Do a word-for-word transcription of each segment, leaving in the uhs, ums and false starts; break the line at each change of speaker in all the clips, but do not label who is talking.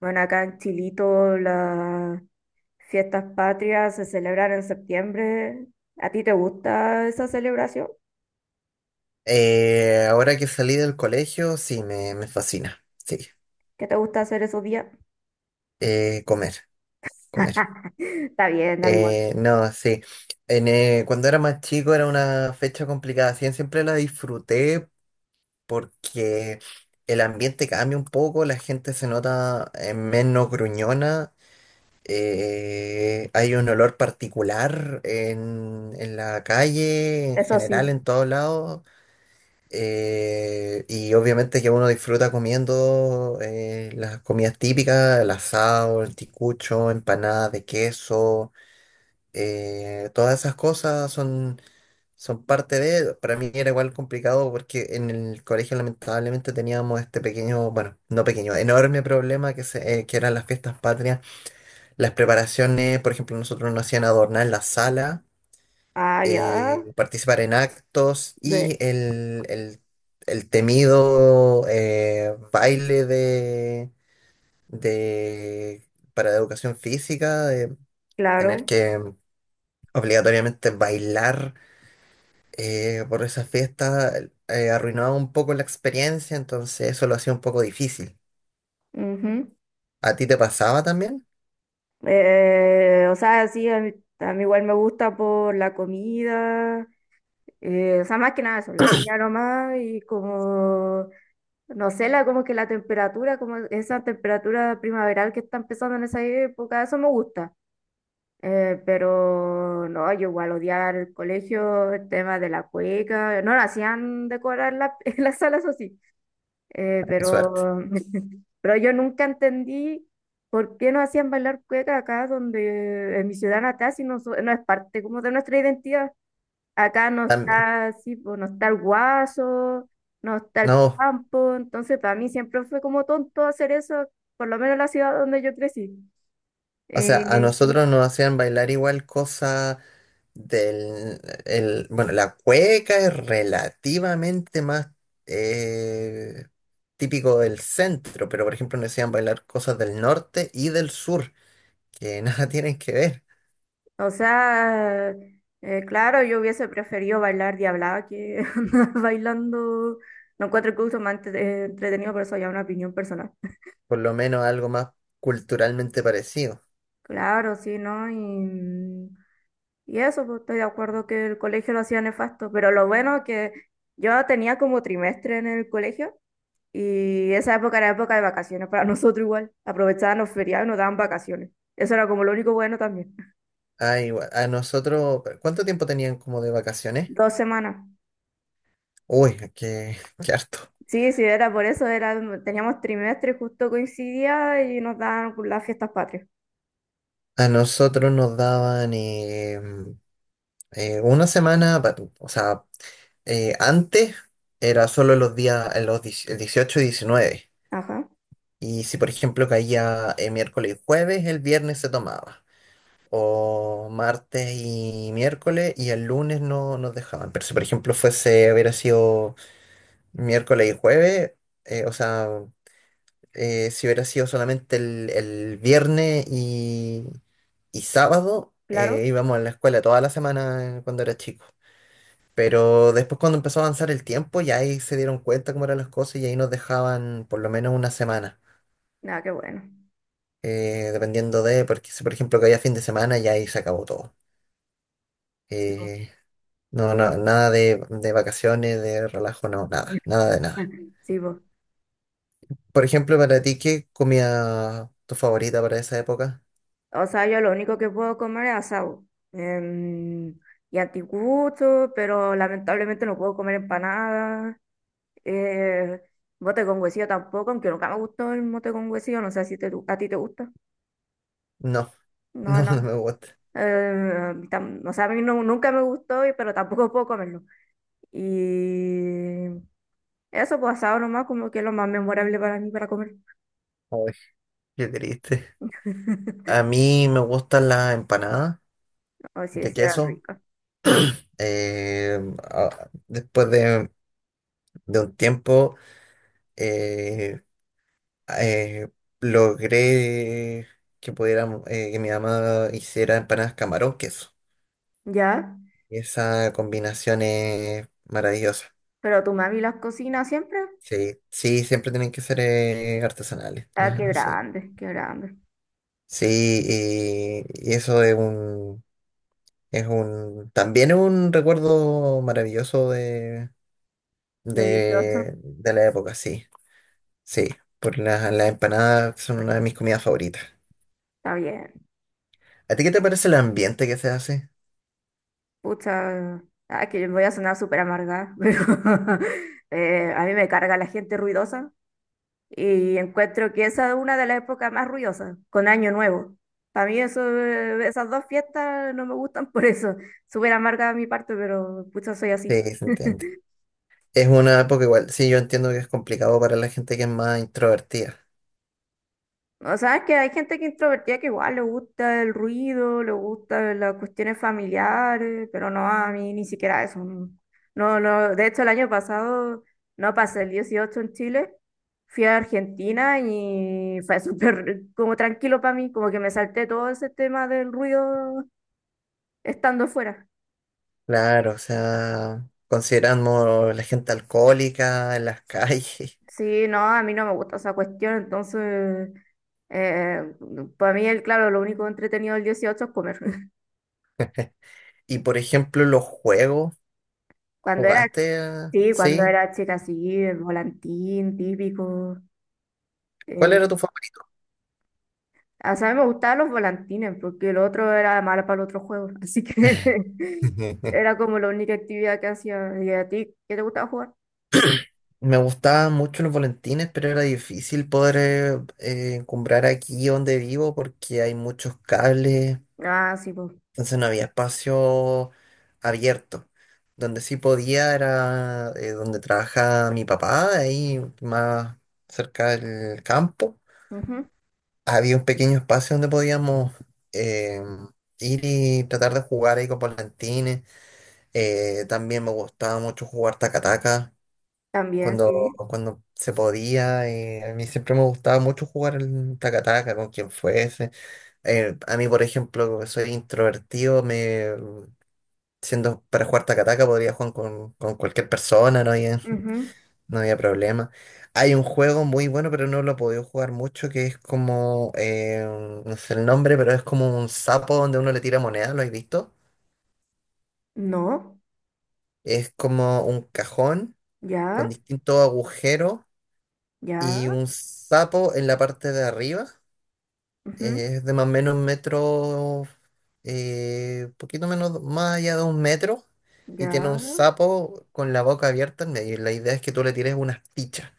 Bueno, acá en Chilito las fiestas patrias se celebran en septiembre. ¿A ti te gusta esa celebración?
Eh, ahora que salí del colegio, sí, me, me fascina. Sí.
¿Qué te gusta hacer esos días?
Eh, comer, comer.
Está bien, da igual.
Eh, no, sí. En, eh, cuando era más chico era una fecha complicada. Sí, siempre la disfruté porque el ambiente cambia un poco, la gente se nota eh, menos gruñona. Eh, hay un olor particular en, en la calle, en
Eso
general,
sí.
en todos lados. Eh, y obviamente que uno disfruta comiendo eh, las comidas típicas, el asado, el ticucho, empanadas de queso, eh, todas esas cosas son, son parte de. Para mí era igual complicado porque en el colegio lamentablemente teníamos este pequeño, bueno, no pequeño, enorme problema que, se, eh, que eran las fiestas patrias, las preparaciones, por ejemplo, nosotros nos hacían adornar la sala,
Ah, ya.
eh, participar en actos
de-
y el, el- el temido eh, baile de, de- para educación física, de tener
claro.
que obligatoriamente bailar eh, por esa fiesta, eh, arruinaba un poco la experiencia, entonces eso lo hacía un poco difícil.
Ujú.
¿A ti te pasaba también?
Eh, o sea, sí, a mí, a mí igual me gusta por la comida. Eh, o sea, más que nada eso, la comida nomás y como... No sé, la, como que la temperatura, como esa temperatura primaveral que está empezando en esa época, eso me gusta. Eh, pero no, yo igual odiaba el colegio, el tema de la cueca, no lo hacían decorar la, en las salas, eso sí. Eh,
Ah, qué suerte.
pero, pero yo nunca entendí por qué no hacían bailar cueca acá, donde en mi ciudad natal, si no, so- no es parte como de nuestra identidad. Acá no
También.
está, sí, pues, no está el guaso, no está el
No.
campo, entonces para mí siempre fue como tonto hacer eso, por lo menos en la ciudad donde yo crecí.
O sea, a
Eh,
nosotros nos hacían bailar igual cosa del. El, bueno, la cueca es relativamente más eh, típico del centro, pero por ejemplo nos hacían bailar cosas del norte y del sur, que nada tienen que ver,
o sea, eh, claro, yo hubiese preferido bailar diablada que andar bailando. No encuentro el uso más entre- eh, entretenido, pero eso ya es una opinión personal.
por lo menos algo más culturalmente parecido.
Claro, sí, ¿no? Y, y eso, pues estoy de acuerdo que el colegio lo hacía nefasto, pero lo bueno es que yo tenía como trimestre en el colegio. Y esa época era época de vacaciones para nosotros igual. Aprovechaban los feriados y nos daban vacaciones. Eso era como lo único bueno también.
Ah, igual, a nosotros, ¿cuánto tiempo tenían como de vacaciones?
Dos semanas.
Uy, qué, qué harto.
Sí, sí, era por eso, era, teníamos trimestre, justo coincidía y nos daban las fiestas patrias.
A nosotros nos daban eh, eh, una semana, pa- o sea. Eh, antes era solo los días, en los dieci- dieciocho y diecinueve.
Ajá,
Y si, por ejemplo, caía eh, miércoles y jueves, el viernes se tomaba. O martes y miércoles y el lunes no nos dejaban. Pero si, por ejemplo, fuese, hubiera sido miércoles y jueves. Eh, o sea, eh, si hubiera sido solamente el, el viernes y, y sábado, eh,
claro.
íbamos a la escuela toda la semana eh, cuando era chico. Pero después cuando empezó a avanzar el tiempo, ya ahí se dieron cuenta cómo eran las cosas y ahí nos dejaban por lo menos una semana,
Nada, qué bueno.
eh, dependiendo de, porque si por ejemplo caía fin de semana, ya ahí se acabó todo.
Sí, po.
Eh, no, no, nada de, de vacaciones, de relajo, no, nada, nada de nada.
Sí, po.
Por ejemplo, para ti, ¿qué comida tu favorita para esa época?
O sea, yo lo único que puedo comer es asado. em, y anticucho, pero lamentablemente no puedo comer empanadas. Eh, Mote con huesillo tampoco, aunque nunca me gustó el mote con huesillo, no sé si te, a ti te gusta.
No,
No,
no, no
no.
me gusta.
Eh, tam- o sea, a mí no- nunca me gustó, y- pero tampoco puedo comerlo. Y eso pasado nomás como que es lo más memorable para mí para comer.
Ay, qué triste. A mí me gustan las empanadas
O si
de
sí, eran
queso.
ricas.
eh, ah, después de de un tiempo. Eh, eh, logré que pudiéramos, eh, que mi mamá hiciera empanadas camarón queso.
¿Ya?
Y esa combinación es maravillosa.
Pero tu mami las cocina siempre.
Sí, sí, siempre tienen que ser eh, artesanales.
Ah, qué
Ajá, sí.
grande, qué grande.
Sí, y, y eso es un, es un, también es un recuerdo maravilloso de,
De dieciocho.
de, de la época, sí. Sí, por las las empanadas son una de mis comidas favoritas.
Está bien.
¿A ti qué te parece el ambiente que se hace?
Pucha. Ah, que voy a sonar súper amargada, pero eh, a mí me carga la gente ruidosa. Y encuentro que esa es una de las épocas más ruidosas, con Año Nuevo. Para mí eso, eh, esas dos fiestas no me gustan por eso. Súper amarga de mi parte, pero pucha, soy así.
Sí, se entiende. Es una época igual, sí, yo entiendo que es complicado para la gente que es más introvertida.
O sea, es que hay gente que es introvertida que igual le gusta el ruido, le gustan las cuestiones familiares, pero no, a mí ni siquiera eso. No, no, no. De hecho, el año pasado no pasé el dieciocho en Chile, fui a Argentina y fue súper como tranquilo para mí, como que me salté todo ese tema del ruido estando fuera.
Claro, o sea, considerando la gente alcohólica en las calles
Sí, no, a mí no me gusta esa cuestión, entonces, eh, para mí, el, claro, lo único entretenido del dieciocho es comer.
y por ejemplo los juegos,
Cuando era,
¿jugaste? a-
sí, cuando
¿Sí?
era chica, sí, el volantín típico.
¿Cuál
Eh,
era tu favorito?
o sea, a mí me gustaban los volantines, porque el otro era malo para el otro juego, así que era como la única actividad que hacía. ¿Y a ti qué te gustaba jugar?
Me gustaban mucho los volantines, pero era difícil poder eh, eh, encumbrar aquí donde vivo porque hay muchos cables.
Ah, sí, pues.
Entonces no había espacio abierto. Donde sí podía era eh, donde trabajaba mi papá, ahí más cerca del campo.
Ujú.
Había un pequeño espacio donde podíamos eh, ir y tratar de jugar ahí con volantines. Eh, también me gustaba mucho jugar tacataca
También,
cuando,
sí.
cuando se podía. Eh, a mí siempre me gustaba mucho jugar el tacataca con quien fuese. Eh, a mí, por ejemplo, que soy introvertido, me, Siendo para jugar Takataka podría jugar con, con cualquier persona, no había,
Ujú.
no había problema. Hay un juego muy bueno, pero no lo he podido jugar mucho, que es como, eh, no sé el nombre, pero es como un sapo donde uno le tira moneda, ¿lo has visto?
No,
Es como un cajón con
ya,
distintos agujeros
ya,
y un sapo en la parte de arriba.
ujú,
Es de más o menos un metro, eh, poquito menos, más allá de un metro, y tiene un
ya.
sapo con la boca abierta en medio. Y La idea es que tú le tires unas fichas.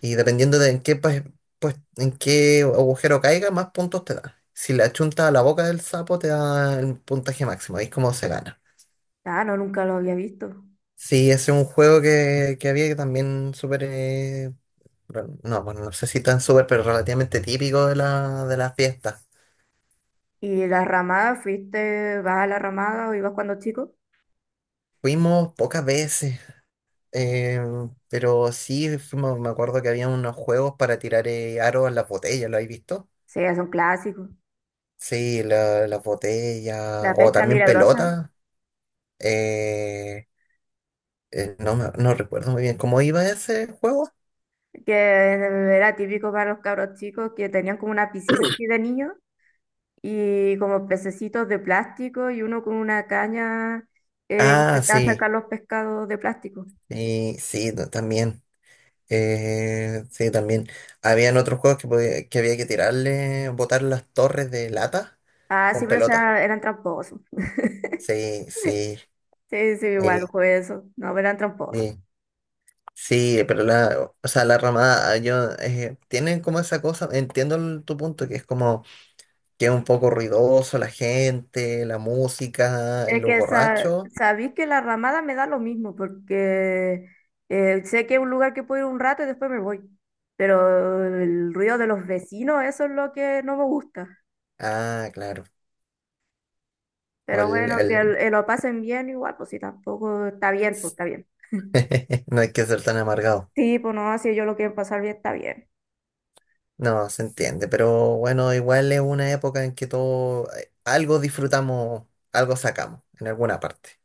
Y dependiendo de en qué, pues, pues, en qué agujero caiga, más puntos te da. Si la chuntas a la boca del sapo, te da el puntaje máximo. Ahí es como se gana.
Ah, no, nunca lo había visto.
Sí, ese es un juego que, que había que también súper. Eh, rel- no, bueno, no sé si tan súper, pero relativamente típico de la, de las fiestas.
¿Y la ramada? ¿Fuiste, vas a la ramada o ibas cuando chico?
Fuimos pocas veces. Eh, pero sí, fuimos- me acuerdo que había unos juegos para tirar eh, aros a las botellas, ¿lo habéis visto?
Sí, es un clásico.
Sí, la- las
La
botellas, o
pesca
también
milagrosa,
pelotas. eh, eh, no, me- no recuerdo muy bien cómo iba ese juego.
que era típico para los cabros chicos, que tenían como una piscina así de niños y como pececitos de plástico y uno con una caña eh,
Ah,
intentaba
sí,
sacar los pescados de plástico.
y sí, no, también. Eh, sí, también. Habían otros juegos que, podía- que había que tirarle, botar las torres de lata
Ah, sí,
con
pero o
pelotas.
sea, eran tramposos.
Sí, sí.
Sí, sí, igual
Sí,
jugué eso. No, pero eran tramposos.
sí. Sí, eh, pero la, o sea, la ramada, yo, eh, tienen como esa cosa, entiendo el- tu punto, que es como que es un poco ruidoso la gente, la música y
Es
los
que sa-
borrachos.
sabéis que la ramada me da lo mismo, porque eh, sé que es un lugar que puedo ir un rato y después me voy. Pero el ruido de los vecinos, eso es lo que no me gusta.
Ah, claro. O
Pero
el,
bueno, que el-
el-
eh, lo pasen bien igual, pues si tampoco está bien, pues está bien.
no hay que ser tan amargado.
Sí, pues no, si ellos lo quieren pasar bien, está bien.
No, se entiende, pero bueno, igual es una época en que todo, eh, algo disfrutamos, algo sacamos en alguna parte.